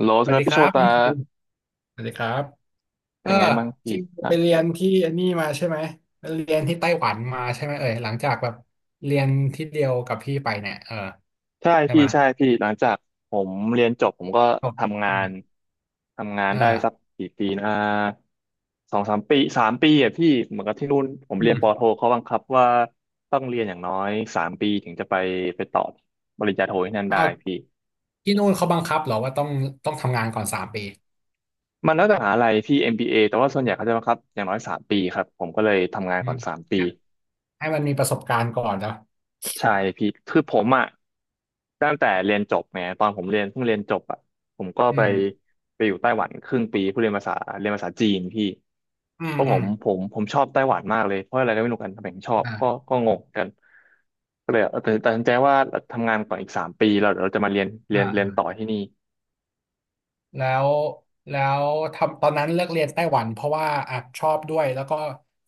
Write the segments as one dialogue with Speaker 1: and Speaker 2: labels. Speaker 1: โหลส
Speaker 2: ส
Speaker 1: ค
Speaker 2: วัส
Speaker 1: รับ
Speaker 2: ดี
Speaker 1: พี่
Speaker 2: ค
Speaker 1: โช
Speaker 2: รับ
Speaker 1: ตา
Speaker 2: พี่คิวสวัสดีครับเอ
Speaker 1: เป็
Speaker 2: อ
Speaker 1: นไงบ้างพี่
Speaker 2: คิว
Speaker 1: อ่ะ
Speaker 2: ไปเรียนที่อันนี่มาใช่ไหมไปเรียนที่ไต้หวันมาใช่ไหมเอ่ยหลังจากแบบเรียนที่เดียวกับพี่ไปเนี่ย
Speaker 1: ใช่
Speaker 2: ใช่
Speaker 1: พี่
Speaker 2: ไหม
Speaker 1: ใช่พี่หลังจากผมเรียนจบผมก็
Speaker 2: ครับ
Speaker 1: ทำงา
Speaker 2: อื
Speaker 1: น
Speaker 2: มอ่า
Speaker 1: ได้สักกี่ปีนะสองสามปีสามปีอ่ะพี่เหมือนกับที่นู่นผม
Speaker 2: อื
Speaker 1: เรียนปอโท
Speaker 2: ม
Speaker 1: เขาบังคับว่าต้องเรียนอย่างน้อยสามปีถึงจะไปต่อปริญญาโทที่นั่นได้
Speaker 2: เอา
Speaker 1: พี่
Speaker 2: ที่นู่นเขาบังคับเหรอว่าต้องทำงานก่อนสามปี
Speaker 1: มันแล้วแต่มหาลัยพี่ MBA แต่ว่าส่วนใหญ่เขาจะบังคับอย่างน้อยสามปีครับผมก็เลยทำงาน
Speaker 2: อื
Speaker 1: ก่อนสาม
Speaker 2: ม
Speaker 1: ปี
Speaker 2: ให้มันมีประสบการณ์ก่อนเนาะ
Speaker 1: ใช่พี่คือผมอ่ะตั้งแต่เรียนจบไงตอนผมเรียนเพิ่งเรียนจบอ่ะผมก็
Speaker 2: อืม
Speaker 1: ไปอยู่ไต้หวันครึ่งปีเพื่อเรียนภาษาจีนพี่
Speaker 2: อืม
Speaker 1: เพราะ
Speaker 2: อืม
Speaker 1: ผมชอบไต้หวันมากเลยเพราะอะไรก็ไม่รู้กันทำไมถึงชอบ
Speaker 2: อ่า
Speaker 1: ก็งงกันก็เลยตัดสินใจว่าทำงานก่อนอีกสามปีเราเดี๋ยวเราจะมา
Speaker 2: อ่า
Speaker 1: เรียน
Speaker 2: อ่า
Speaker 1: ต่อที่นี่
Speaker 2: แล้วแล้วทำตอนนั้นเลือกเรียนไต้หวันเพราะว่าอ่ะชอบด้วยแล้วก็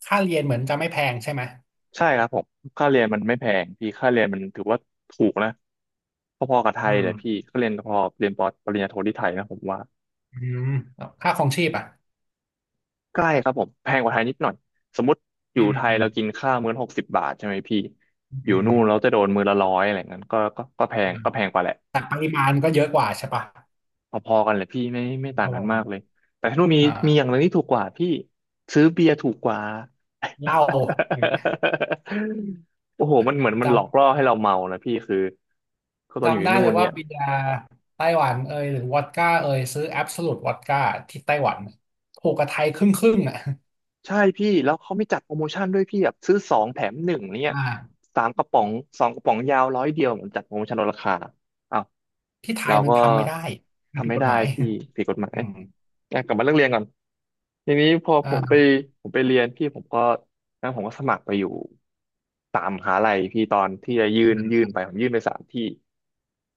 Speaker 2: ค่าเรียนเหมือนจะไม่แพงใช่ไหม
Speaker 1: ใช่ครับผมค่าเรียนมันไม่แพงพี่ค่าเรียนมันถือว่าถูกนะพอๆกับไท
Speaker 2: อื
Speaker 1: ย
Speaker 2: ม
Speaker 1: แหละพี่ก็เรียนพอเรียนปอปริญญาโทที่ไทยนะผมว่า
Speaker 2: อืมแล้วค่าครองชีพอ่ะ
Speaker 1: ใกล้ครับผมแพงกว่าไทยนิดหน่อยสมมติอ
Speaker 2: อื
Speaker 1: ยู่
Speaker 2: ม
Speaker 1: ไทย
Speaker 2: อืม
Speaker 1: เรากินข้าวมื้อ60 บาทใช่ไหมพี่
Speaker 2: อืม
Speaker 1: อ
Speaker 2: อื
Speaker 1: ยู่นู่
Speaker 2: ม
Speaker 1: นเราจะโดนมื้อละร้อยอะไรเงี้ย
Speaker 2: อืม
Speaker 1: ก็แพงกว่าแหละ
Speaker 2: แต่ปริมาณก็เยอะกว่าใช่ปะ
Speaker 1: พอๆกันเลยพี่ไม่ต่า
Speaker 2: ป
Speaker 1: งกั
Speaker 2: ระ
Speaker 1: น
Speaker 2: มา
Speaker 1: มา
Speaker 2: ณ
Speaker 1: กเลยแต่ที่นู่น
Speaker 2: อ
Speaker 1: มีอย่างห
Speaker 2: ่า
Speaker 1: นึงที่ถูกกว่าพี่ซื้อเบียร์ถูกกว่า
Speaker 2: เหล้าอย่างเงี้ย
Speaker 1: โอ้โหมันเหมือนมัน
Speaker 2: จ
Speaker 1: หลอกล่อให้เราเมานะพี่คือก็
Speaker 2: ำ
Speaker 1: ตอนอยู่
Speaker 2: จำได้
Speaker 1: ที่นู่
Speaker 2: เล
Speaker 1: น
Speaker 2: ยว่า
Speaker 1: เนี่ย
Speaker 2: เบียร์ไต้หวันเอยหรือวอดก้าเอยซื้อแอบ o ู u ตวอดก้าที่ไต้หวันถูกกับไทยครึ่งครึ่งอ่ะ
Speaker 1: ใช่พี่แล้วเขาไม่จัดโปรโมชั่นด้วยพี่แบบซื้อสองแถมหนึ่งเนี่ย
Speaker 2: อ่า
Speaker 1: สามกระป๋องสองกระป๋องยาว100 เดียวเหมือนจัดโปรโมชั่นลดราคาอ้าว
Speaker 2: ที่ไท
Speaker 1: เรา
Speaker 2: ยมัน
Speaker 1: ก็
Speaker 2: ทำไม่ได้มัน
Speaker 1: ทำ
Speaker 2: ผิด
Speaker 1: ไม่
Speaker 2: กฎ
Speaker 1: ได้
Speaker 2: หมาย
Speaker 1: พี่ผิดกฎหมา
Speaker 2: อื
Speaker 1: ย
Speaker 2: ม
Speaker 1: อ่ะกลับมาเรื่องเรียนก่อนทีนี้พอ
Speaker 2: อ่า
Speaker 1: ผมไปเรียนพี่ผมก็นั้นผมก็สมัครไปอยู่สามมหาลัยพี่ตอนที่จะ
Speaker 2: อื
Speaker 1: ยื่
Speaker 2: ม
Speaker 1: นไปผมยื่นไปสามที่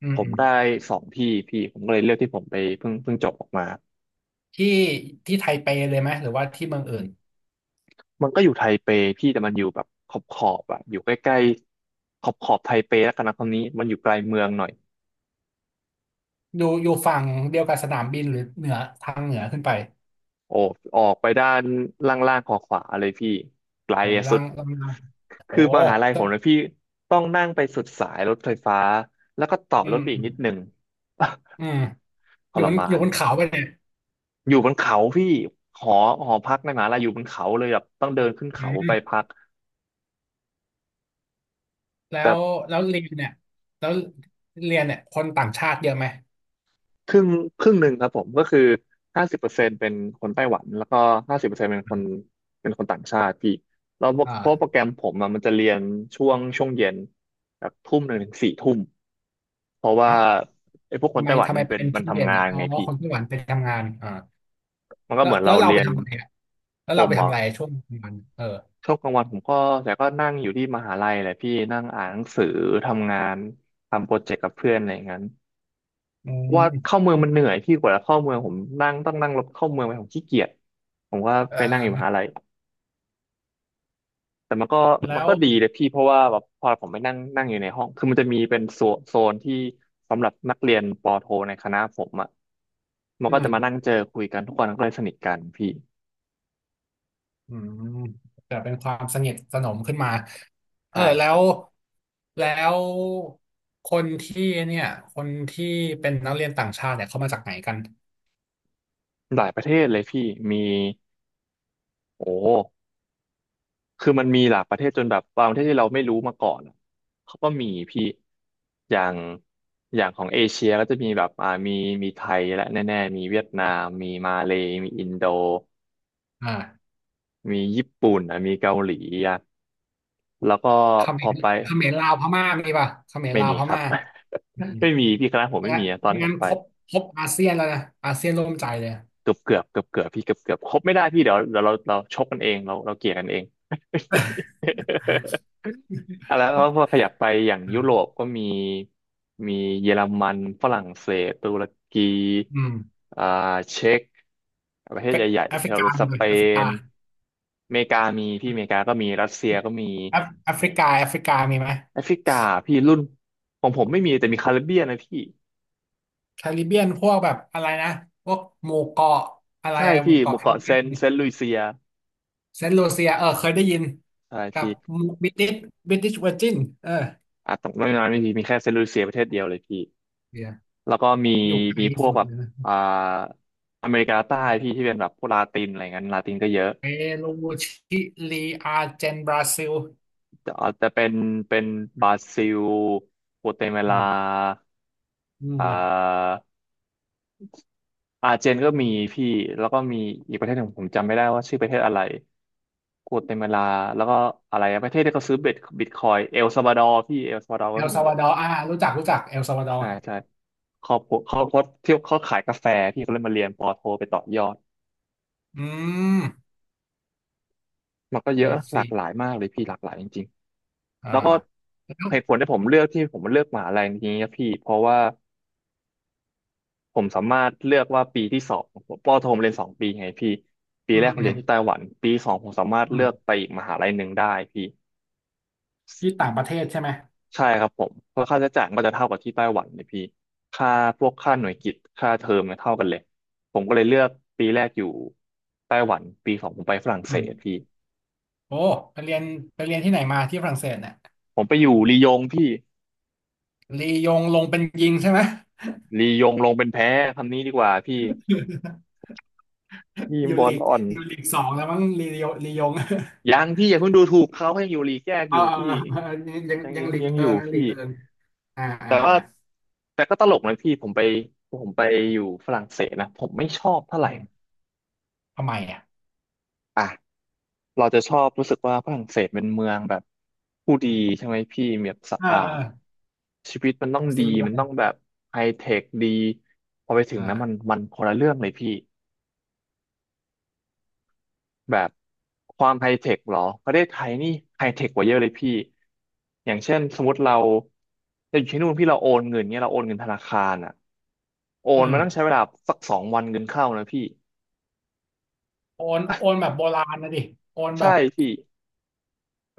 Speaker 2: อื
Speaker 1: ผ
Speaker 2: มอื
Speaker 1: ม
Speaker 2: ม
Speaker 1: ได้สองที่พี่ผมก็เลยเลือกที่ผมไปเพิ่งจบออกมา
Speaker 2: ที่ที่ไทเปเลยไหมหรือว่าที่เมืองอื่น
Speaker 1: มันก็อยู่ไทเปพี่แต่มันอยู่แบบขอบขอบอะอยู่ใกล้ๆขอบขอบไทเปแล้วกันนะตอนนี้มันอยู่ไกลเมืองหน่อย
Speaker 2: อยู่อยู่ฝั่งเดียวกับสนามบินหรือเหนือทางเหนือขึ้นไป
Speaker 1: โอ้ออกไปด้านล่างๆขอขวาเลยพี่ไกล
Speaker 2: ออกไป
Speaker 1: สุ
Speaker 2: ล่า
Speaker 1: ด
Speaker 2: งล่าง โอ้
Speaker 1: คือมหาลัยผ
Speaker 2: จะ
Speaker 1: มนะพี่ต้องนั่งไปสุดสายรถไฟฟ้าแล้วก็ต่อ
Speaker 2: อื
Speaker 1: รถไปอีกนิดหนึ่
Speaker 2: ม
Speaker 1: ง
Speaker 2: อืม
Speaker 1: ท
Speaker 2: อยู่
Speaker 1: ร
Speaker 2: บน
Speaker 1: มา
Speaker 2: อยู่
Speaker 1: น
Speaker 2: บนเขาไปเนี่ย
Speaker 1: อยู่บนเขาพี่หอหอพักในมหาลัยอยู่บนเขาเลยแบบต้องเดินขึ้น
Speaker 2: อื
Speaker 1: เขาไป
Speaker 2: ม
Speaker 1: พัก
Speaker 2: แล้
Speaker 1: แต่
Speaker 2: วแล้วเรียนเนี่ย แล้วเรียนเนี่ยคนต่างชาติเยอะไหม
Speaker 1: ครึ่งครึ่งหนึ่งครับผมก็คือห้าสิบเปอร์เซ็นต์เป็นคนไต้หวันแล้วก็ห้าสิบเปอร์เซ็นต์
Speaker 2: อม
Speaker 1: เป็นคนต่างชาติพี่แล้วเพราะโปรแก
Speaker 2: อ่า
Speaker 1: รมผมอะมันจะเรียนช่วงเย็นแบบ1 ทุ่มถึง4 ทุ่มเพราะว่า
Speaker 2: เอ้า
Speaker 1: ไอ้พวกคน
Speaker 2: ทำไม
Speaker 1: ไต้หวัน
Speaker 2: ทำไมเป็น
Speaker 1: มัน
Speaker 2: ช่วงเย็
Speaker 1: ทำ
Speaker 2: น
Speaker 1: งาน
Speaker 2: อ่ะอ๋อ
Speaker 1: ไงพี่
Speaker 2: คนไต้หวันไปทำงาน
Speaker 1: มันก็
Speaker 2: แล้
Speaker 1: เห
Speaker 2: ว
Speaker 1: มือน
Speaker 2: แล้
Speaker 1: เรา
Speaker 2: วเรา
Speaker 1: เรี
Speaker 2: ไป
Speaker 1: ยน
Speaker 2: ทำอะไรอ่ะแล้ว
Speaker 1: ผ
Speaker 2: เรา
Speaker 1: ม
Speaker 2: ไป
Speaker 1: เหร
Speaker 2: ทำ
Speaker 1: อ
Speaker 2: อะไรช่วงกลางวัน
Speaker 1: ช่วงกลางวันผมก็แต่ก็นั่งอยู่ที่มหาลัยแหละพี่นั่งอ่านหนังสือทำงานทำโปรเจกต์กับเพื่อนอะไรอย่างนั้น
Speaker 2: อื
Speaker 1: เพราะว่า
Speaker 2: ม
Speaker 1: เข้าเมืองมันเหนื่อยพี่กว่าจะเข้าเมืองผมต้องนั่งรถเข้าเมืองไปผมขี้เกียจผมก็
Speaker 2: เอ่
Speaker 1: ไปนั่งอยู่มหา
Speaker 2: อ
Speaker 1: ลัยแต่มั
Speaker 2: แล้
Speaker 1: น
Speaker 2: ว
Speaker 1: ก็ดีเลยพี่เพราะว่าแบบพอผมไปนั่งนั่งอยู่ในห้องคือมันจะมีเป็นโซนที่สำหรับนักเรียนปอโทในคณะผมอ่ะมัน
Speaker 2: อื
Speaker 1: ก็
Speaker 2: ม
Speaker 1: จะมานั่งเจอคุยกันทุกคนก็เลยสนิทกันพี่
Speaker 2: อืมแต่เป็นความสนิทสนมขึ้นมา
Speaker 1: ใช่
Speaker 2: แล้
Speaker 1: ครั
Speaker 2: ว
Speaker 1: บ
Speaker 2: แล้วคนที่เนี่ยคนที่เป็นนักเรียนต่างชาติเนี่ยเขามาจากไหนกัน
Speaker 1: หลายประเทศเลยพี่มีโอ้ คือมันมีหลายประเทศจนแบบบางประเทศที่เราไม่รู้มาก่อนอะเขาก็มีพี่อย่างอย่างของเอเชียก็จะมีแบบมีไทยและแน่ๆมีเวียดนามมีมาเลย์มีอินโด
Speaker 2: อ่า
Speaker 1: มีญี่ปุ่นอ่ะมีเกาหลีอ่ะแล้วก็
Speaker 2: เขม
Speaker 1: พอ
Speaker 2: ร
Speaker 1: ไป
Speaker 2: เขมรลาวพม่ามีป่ะเขมร
Speaker 1: ไม่
Speaker 2: ลาว
Speaker 1: มี
Speaker 2: พ
Speaker 1: ครับ
Speaker 2: ม่าอืม
Speaker 1: ไม่มีพี่คณะผม
Speaker 2: และ
Speaker 1: ไม่มีอะตอนที่ผ
Speaker 2: งั้น
Speaker 1: มไป
Speaker 2: ครบครบอาเซียนแล้วนะอาเซียนร่วมใจเลย
Speaker 1: เกือบเกือบเกือบเกือบพี่เกือบเกือบครบไม่ได้พี่เดี๋ยวเดี๋ยวเราชกกันเองเราเกลี่ยกันเอง อ่ะแล้วก็พอขยับไปอย่างยุโรป
Speaker 2: อ่า
Speaker 1: ก็มีเยอรมันฝรั่งเศสตุรกี
Speaker 2: อืม
Speaker 1: อ่าเช็กประเทศ
Speaker 2: เป็น
Speaker 1: ใหญ่ๆ
Speaker 2: แอฟ
Speaker 1: ที่
Speaker 2: ริ
Speaker 1: เรา
Speaker 2: กาห
Speaker 1: ส
Speaker 2: มดเล
Speaker 1: เป
Speaker 2: ยแอฟริกา
Speaker 1: นอเมริกามีพี่อเมริกาก็มีรัสเซียก็มี
Speaker 2: แอฟริกาแอฟริกามีไหม
Speaker 1: แอฟริกาพี่รุ่นของผมไม่มีแต่มีคาริบเบียนนะพี่
Speaker 2: แคริบเบียนพวกแบบอะไรนะพวกหมู่เกาะอะไร
Speaker 1: ใช่
Speaker 2: ห
Speaker 1: พี่
Speaker 2: มู่
Speaker 1: ห
Speaker 2: เกาะ
Speaker 1: มู่
Speaker 2: แคริ
Speaker 1: เกาะ
Speaker 2: บ
Speaker 1: เซ
Speaker 2: เบียน
Speaker 1: นต์เซนต์ลุยเซีย
Speaker 2: เซนต์ลูเซียเคยได้ยิน
Speaker 1: ใช่
Speaker 2: กับ
Speaker 1: พี่
Speaker 2: บิ t ิชบิติชเวอร์จินเออ
Speaker 1: อ่ะตรงนั้นไม่มีมีแค่เซนต์ลุยเซียประเทศเดียวเลยพี่
Speaker 2: เดี๋ยว
Speaker 1: แล้วก็มี
Speaker 2: อยู่ไกล
Speaker 1: มีพวก
Speaker 2: สุด
Speaker 1: แบบ
Speaker 2: เลยนะ
Speaker 1: อ่าอเมริกาใต้พี่ที่เป็นแบบพวกลาตินอะไรเงี้ยลาตินก็เยอะ
Speaker 2: เปรูชิลีอาร์เจนบราซิล
Speaker 1: อาจจะเป็นบราซิลโกเตมา
Speaker 2: อื
Speaker 1: ลา
Speaker 2: มอื
Speaker 1: อ่
Speaker 2: ม
Speaker 1: าอาร์เจนก็มีพี่แล้วก็มีอีกประเทศหนึ่งผมจำไม่ได้ว่าชื่อประเทศอะไรโกเตมาลาแล้วก็อะไรอะประเทศที่เขาซื้อเบ็ดบิตคอยเอลซัลวาดอร์พี่เอลซัลวาดอร์
Speaker 2: เอ
Speaker 1: ก็
Speaker 2: ล
Speaker 1: มี
Speaker 2: ซัลวาดอร์อ่ารู้จักรู้จักเอลซัลวาดอร์
Speaker 1: ใช่ใช่ครอบครัวเขาเขาที่เขาขายกาแฟพี่เขาเลยมาเรียนปอโทไปต่อยอด
Speaker 2: อืม
Speaker 1: มันก็เย
Speaker 2: ไอ
Speaker 1: อะหลา
Speaker 2: ซี
Speaker 1: กหลายมากเลยพี่หลากหลายจริงๆ
Speaker 2: อ่า
Speaker 1: แล้วก็
Speaker 2: แล้ว
Speaker 1: เหตุผลที่ผมเลือกมหาลัยนี้นะพี่เพราะว่า ผมสามารถเลือกว่าปีที่สองผมปอโทผมเรียนสองปีไงพี่ปี
Speaker 2: อื
Speaker 1: แร
Speaker 2: ม
Speaker 1: กผม
Speaker 2: อื
Speaker 1: เรี
Speaker 2: ม
Speaker 1: ยนที่ไต้หวันปีสองผมสามารถ
Speaker 2: อื
Speaker 1: เลื
Speaker 2: ม
Speaker 1: อกไปอีกมหาลัยหนึ่งได้พี่
Speaker 2: ที่ต่างประเทศใช่ไหม
Speaker 1: ใช่ครับผมเพราะค่าใช้จ่ายมันก็จะเท่ากับที่ไต้หวันเลยพี่ค่าพวกค่าหน่วยกิตค่าเทอมเนี่ยเท่ากันเลยผมก็เลยเลือกปีแรกอยู่ไต้หวันปีสองผมไปฝรั่งเศ
Speaker 2: อืม
Speaker 1: สพี่
Speaker 2: โอ้ไปเรียนไปเรียนที่ไหนมาที่ฝรั่งเศสเนี่ย
Speaker 1: ผมไปอยู่ลียงพี่
Speaker 2: ลียงลงเป็นยิงใช่ไหม
Speaker 1: ลียงลงเป็นแพ้คำนี้ดีกว่าพี่ ทีม
Speaker 2: อยู่
Speaker 1: บอ
Speaker 2: ลี
Speaker 1: ล
Speaker 2: ก
Speaker 1: อ่อน
Speaker 2: อยู่ลีกสองแล้วมั้งลียงลียง
Speaker 1: ยังพี่อย่าเพิ่งดูถูกเขาให้อยู่ลีกแยก
Speaker 2: เอ
Speaker 1: อ
Speaker 2: อ
Speaker 1: ยู่
Speaker 2: เอ
Speaker 1: พี่
Speaker 2: อยัง
Speaker 1: ยัง
Speaker 2: ยัง
Speaker 1: ยัง
Speaker 2: หลีก
Speaker 1: ยัง
Speaker 2: เอิ
Speaker 1: อยู่
Speaker 2: งยังหลี
Speaker 1: พี่
Speaker 2: กเอิงอ่า
Speaker 1: แต่
Speaker 2: อ่า
Speaker 1: ว่า
Speaker 2: อ่า
Speaker 1: แต่ก็ตลกนะพี่ผมไปอยู่ฝรั่งเศสนะผมไม่ชอบเท่าไห
Speaker 2: อื
Speaker 1: ร่
Speaker 2: มทำไมอ่ะ
Speaker 1: อ่ะเราจะชอบรู้สึกว่าฝรั่งเศสเป็นเมืองแบบผู้ดีใช่ไหมพี่มีแบบสะ
Speaker 2: เออ
Speaker 1: อา
Speaker 2: เออ
Speaker 1: ดชีวิตมันต้อง
Speaker 2: ซี
Speaker 1: ดี
Speaker 2: วิไล
Speaker 1: มันต้องแบบไฮเทคดีพอไปถึงนะมัน
Speaker 2: อ่า
Speaker 1: มันคนละเรื่องเลยพี่แบบความไฮเทคเหรอประเทศไทยนี่ไฮเทคกว่าเยอะเลยพี่อย่างเช่นสมมติเราจะอยู่ที่นู่นพี่เราโอนเงินเนี่ยเราโอนเงินธนาคารอ่ะโอ
Speaker 2: อื
Speaker 1: น
Speaker 2: ม
Speaker 1: มันต้องใช้เวลาสัก2 วันเงินเข้านะพี่
Speaker 2: โอนโอนแบบโบราณนะดิโอนแบ
Speaker 1: ใช่
Speaker 2: บ
Speaker 1: พี่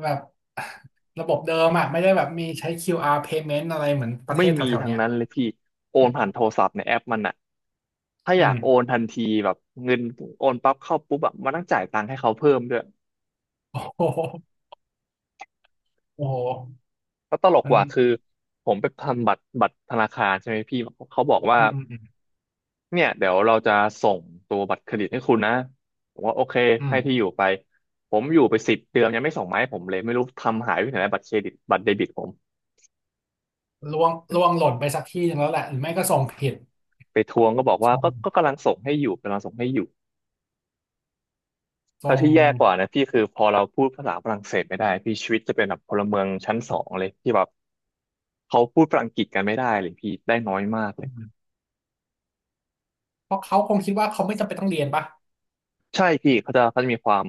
Speaker 2: แบบ ระบบเดิมอ่ะไม่ได้แบบมีใช้ QR payment อะไรเหมือนประเท
Speaker 1: ไม่
Speaker 2: ศแถ
Speaker 1: มี
Speaker 2: วๆ
Speaker 1: ทาง
Speaker 2: เนี้ย
Speaker 1: นั้นเลยพี่โอนผ่านโทรศัพท์ในแอปมันอะถ้า
Speaker 2: อื
Speaker 1: อยา
Speaker 2: ม
Speaker 1: กโอนทันทีแบบเงินโอนปั๊บเข้าปุ๊บแบบมันต้องจ่ายตังค์ให้เขาเพิ่มด้วย
Speaker 2: โอ้โหโอ้โห
Speaker 1: แล้วตลก
Speaker 2: มั
Speaker 1: ก
Speaker 2: น
Speaker 1: ว่าคือผมไปทำบัตรธนาคารใช่ไหมพี่เขาบอกว่า
Speaker 2: อืมอืมอืม
Speaker 1: เนี่ยเดี๋ยวเราจะส่งตัวบัตรเครดิตให้คุณนะผมว่าโอเค
Speaker 2: อืม
Speaker 1: ให้ที่อยู่ไปผมอยู่ไป10 เดือนยังไม่ส่งมาให้ผมเลยไม่รู้ทำหายไปไหนแล้วบัตรเครดิตบัตรเดบิตผม
Speaker 2: ล่วงล่วงหล่นไปสักที่หนึ่งแล้วแหละหรือไม่ก็ส่งผิด
Speaker 1: ไปทวงก็บอกว่า
Speaker 2: ส่ง
Speaker 1: ก็กำลังส่งให้อยู่กำลังส่งให้อยู่
Speaker 2: ส่
Speaker 1: แล้ว
Speaker 2: ง
Speaker 1: ที่แย่กว่านะพี่คือพอเราพูดภาษาฝรั่งเศสไม่ได้พี่ชีวิตจะเป็นแบบพลเมืองชั้นสองเลยที่แบบเขาพูดฝรั่งอังกฤษกันไม่ได้เลยพี่ได้น้อยมากเล
Speaker 2: อื
Speaker 1: ย
Speaker 2: มเพราะเขาคงคิดว่าเขาไม่จำเป็นต้องเรียนปะ
Speaker 1: ใช่พี่เขาจะมีความ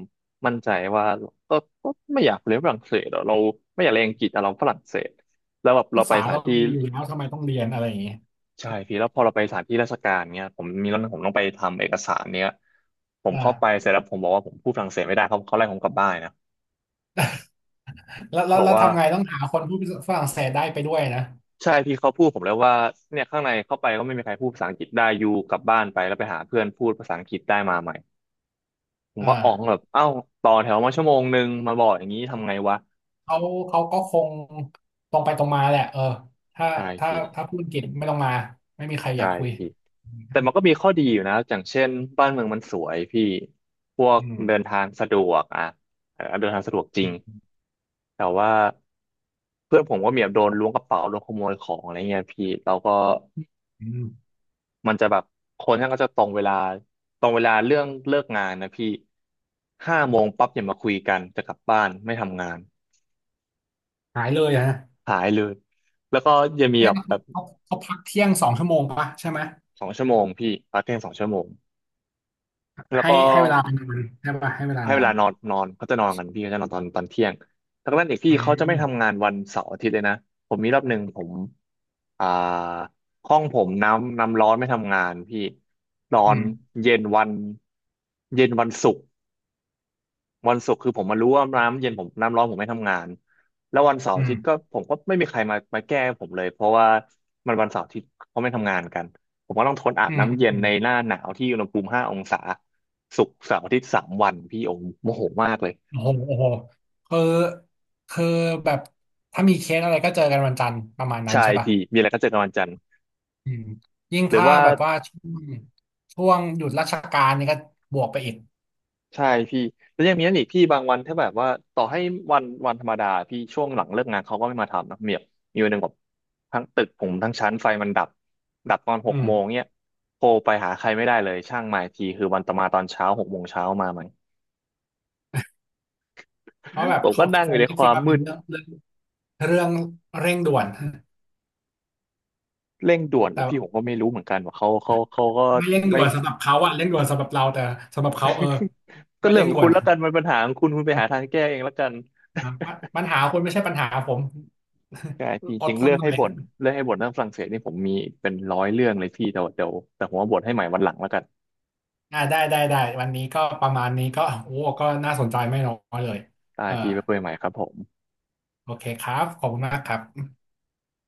Speaker 1: มั่นใจว่าก็ก็ไม่อยากเรียนฝรั่งเศสหรอกเราไม่อยากเรียนอังกฤษแต่เราฝรั่งเศสแล้วแบบเรา
Speaker 2: ภา
Speaker 1: ไป
Speaker 2: ษา
Speaker 1: สถา
Speaker 2: เรา
Speaker 1: นที่
Speaker 2: มีอยู่แล้วทำไมต้องเรียนอะไรอย่างเงี้ย
Speaker 1: ใช่พี่แล้วพอเราไปสถานที่ราชการเนี้ยผมมีเรื่องผมต้องไปทำเอกสารเนี้ยผมเข้าไป
Speaker 2: อ่า
Speaker 1: เสร็จแล้วผมบอกว่าผมพูดฝรั่งเศสไม่ได้เขาไล่ผมกลับบ้านนะ
Speaker 2: แล้ว
Speaker 1: เขา
Speaker 2: แล้ว
Speaker 1: บอก
Speaker 2: แล้ว
Speaker 1: ว่า
Speaker 2: ทำไงต้องหาคนพูดฝรั่งเศสได้ไปด้วยนะ
Speaker 1: ใช่พี่เขาพูดผมแล้วว่าเนี่ยข้างในเข้าไปก็ไม่มีใครพูดภาษาอังกฤษได้อยู่กลับบ้านไปแล้วไปหาเพื่อนพูดภาษาอังกฤษได้มาใหม่ผม
Speaker 2: อ่
Speaker 1: ก็อ๋องแบ
Speaker 2: า
Speaker 1: บเอ้าต่อแถวมา1 ชั่วโมงมาบอกอย่างนี้ทำไงวะ
Speaker 2: เขาเขาก็คงตรงไปตรงมาแหละถ้า
Speaker 1: ใช่
Speaker 2: ถ้า
Speaker 1: พี่
Speaker 2: ถ้าพูดอังกฤษไม่ต้องมาไม่มีใครอ
Speaker 1: ใช่
Speaker 2: ยากคุย
Speaker 1: พี่แต่มันก็มีข้อดีอยู่นะอย่างเช่นบ้านเมืองมันสวยพี่พวก
Speaker 2: อื
Speaker 1: เดิน
Speaker 2: ม
Speaker 1: ทางสะดวกอ่ะเออเดินทางสะดวกจริง
Speaker 2: อืม
Speaker 1: แต่ว่าเพื่อนผมก็มีแบบโดนล้วงกระเป๋าโดนขโมยของอะไรเงี้ยพี่เราก็
Speaker 2: อืม
Speaker 1: มันจะแบบคนท่านก็จะตรงเวลาตรงเวลาเรื่องเลิกงานนะพี่5 โมงปั๊บอย่ามาคุยกันจะกลับบ้านไม่ทำงาน
Speaker 2: หายเลยอะนะ
Speaker 1: หายเลยแล้วก็จะมีแบ
Speaker 2: เอ๊ะ
Speaker 1: บแบบ
Speaker 2: เขาเขาพักเที่ยงสองชั่วโมงปะใช่ไหม
Speaker 1: สองชั่วโมงพี่พักเที่ยงสองชั่วโมงแล้ว
Speaker 2: ให้
Speaker 1: ก็
Speaker 2: ให้เวลานอนใช่ปะให้เวลา
Speaker 1: ให้
Speaker 2: น
Speaker 1: เว
Speaker 2: อน
Speaker 1: ลานอนนอนเขาจะนอนกันพี่เขาจะนอนตอนเที่ยงดังนั้นอีกพี่
Speaker 2: อื
Speaker 1: เขาจะไม่ทำงา
Speaker 2: ม
Speaker 1: นวันเสาร์อาทิตย์เลยนะผมมีรอบหนึ่งผมอ่าห้องผมน้ำร้อนไม่ทำงานพี่นอ
Speaker 2: อื
Speaker 1: น
Speaker 2: ม
Speaker 1: เย็นวันเย็นวันศุกร์ วันศุกร์คือผมมารู้ว่าน้ำเย็นผมน้ำร้อนผมไม่ทำงานแล้ววันเสาร์
Speaker 2: อื
Speaker 1: อา
Speaker 2: ม
Speaker 1: ทิตย์ก็ผมก็ไม่มีใครมามาแก้ผมเลยเพราะว่ามันวันเสาร์อาทิตย์เขาไม่ทำงานกันผมก็ต้องทนอาบ
Speaker 2: อืม
Speaker 1: น้ำเย็น
Speaker 2: อืม
Speaker 1: ในหน้าหนาวที่อุณหภูมิ5 องศาศุกร์เสาร์อาทิตย์3 วันพี่โอมโมโหมากเลย
Speaker 2: โอ้โหโอ้โหคือคือแบบถ้ามีเคสอะไรก็เจอกันวันจันทร์ประมาณนั้น
Speaker 1: ใช่
Speaker 2: ใช่ป่ะ
Speaker 1: พี่มีอะไรก็เจอกันวันจันทร์
Speaker 2: อืมยิ่ง
Speaker 1: หรือ
Speaker 2: ถ้า
Speaker 1: ว่า
Speaker 2: แบบว่าช่วงหยุดราชการนี่ก็บวกไปอีก
Speaker 1: ใช่พี่แล้วยังมีนั่นอีกพี่บางวันถ้าแบบว่าต่อให้วันธรรมดาพี่ช่วงหลังเลิกงานเขาก็ไม่มาทำนะเมียมีวันหนึ่งแบบทั้งตึกผมทั้งชั้นไฟมันดับดับตอนห
Speaker 2: อื
Speaker 1: กโมง
Speaker 2: ม
Speaker 1: เนี่ยโทรไปหาใครไม่ได้เลยช่างมาอีกทีคือวันต่อมาตอนเช้าหกโมงเช้ามาไหม
Speaker 2: เพราะแบ บ
Speaker 1: ผมก็
Speaker 2: เขา
Speaker 1: นั่ง
Speaker 2: ค
Speaker 1: อ
Speaker 2: ง
Speaker 1: ยู่ใน
Speaker 2: ไม่
Speaker 1: ค
Speaker 2: คิ
Speaker 1: วา
Speaker 2: ด
Speaker 1: ม
Speaker 2: ว่า
Speaker 1: มื
Speaker 2: เป็น
Speaker 1: ด
Speaker 2: เรื่องเร่งด่วน
Speaker 1: เร่งด่วน
Speaker 2: แต่
Speaker 1: อะพี่ผมก็ไม่รู้เหมือนกันว่าเขาก็
Speaker 2: ไม่เร่งด่
Speaker 1: ไม่
Speaker 2: วนสำหรับเขาอะเร่งด่วนสำหรับเราแต่สำหรับเขา
Speaker 1: ก็
Speaker 2: ไม่
Speaker 1: เรื่อง
Speaker 2: เร่ง
Speaker 1: ของ
Speaker 2: ด่ว
Speaker 1: คุ
Speaker 2: น
Speaker 1: ณแล้
Speaker 2: นะ
Speaker 1: วกันมันปัญหาของคุณคุณไปหาทางแก้เองแล้วกัน
Speaker 2: ปปัญหาคุณไม่ใช่ปัญหาผม
Speaker 1: ใช่พี่
Speaker 2: อ
Speaker 1: จ
Speaker 2: ด
Speaker 1: ริง
Speaker 2: ท
Speaker 1: เลื
Speaker 2: น
Speaker 1: อก
Speaker 2: หน่
Speaker 1: ให้
Speaker 2: อย
Speaker 1: บ่นเลือกให้บ่นเรื่องฝรั่งเศสนี่ผมมีเป็น100 เรื่องเลยพี่แต่ว่าเดี๋ยวแต่ผมว่าบ่นให้ใหม่วันหลังแล้วกัน
Speaker 2: ได้วันนี้ก็ประมาณนี้ก็ก็น่าสนใจไม่น้อยเลย
Speaker 1: ได้
Speaker 2: เออ
Speaker 1: พี่ไปคุยใหม่ครับผม
Speaker 2: โอเคครับขอบคุณมากครับ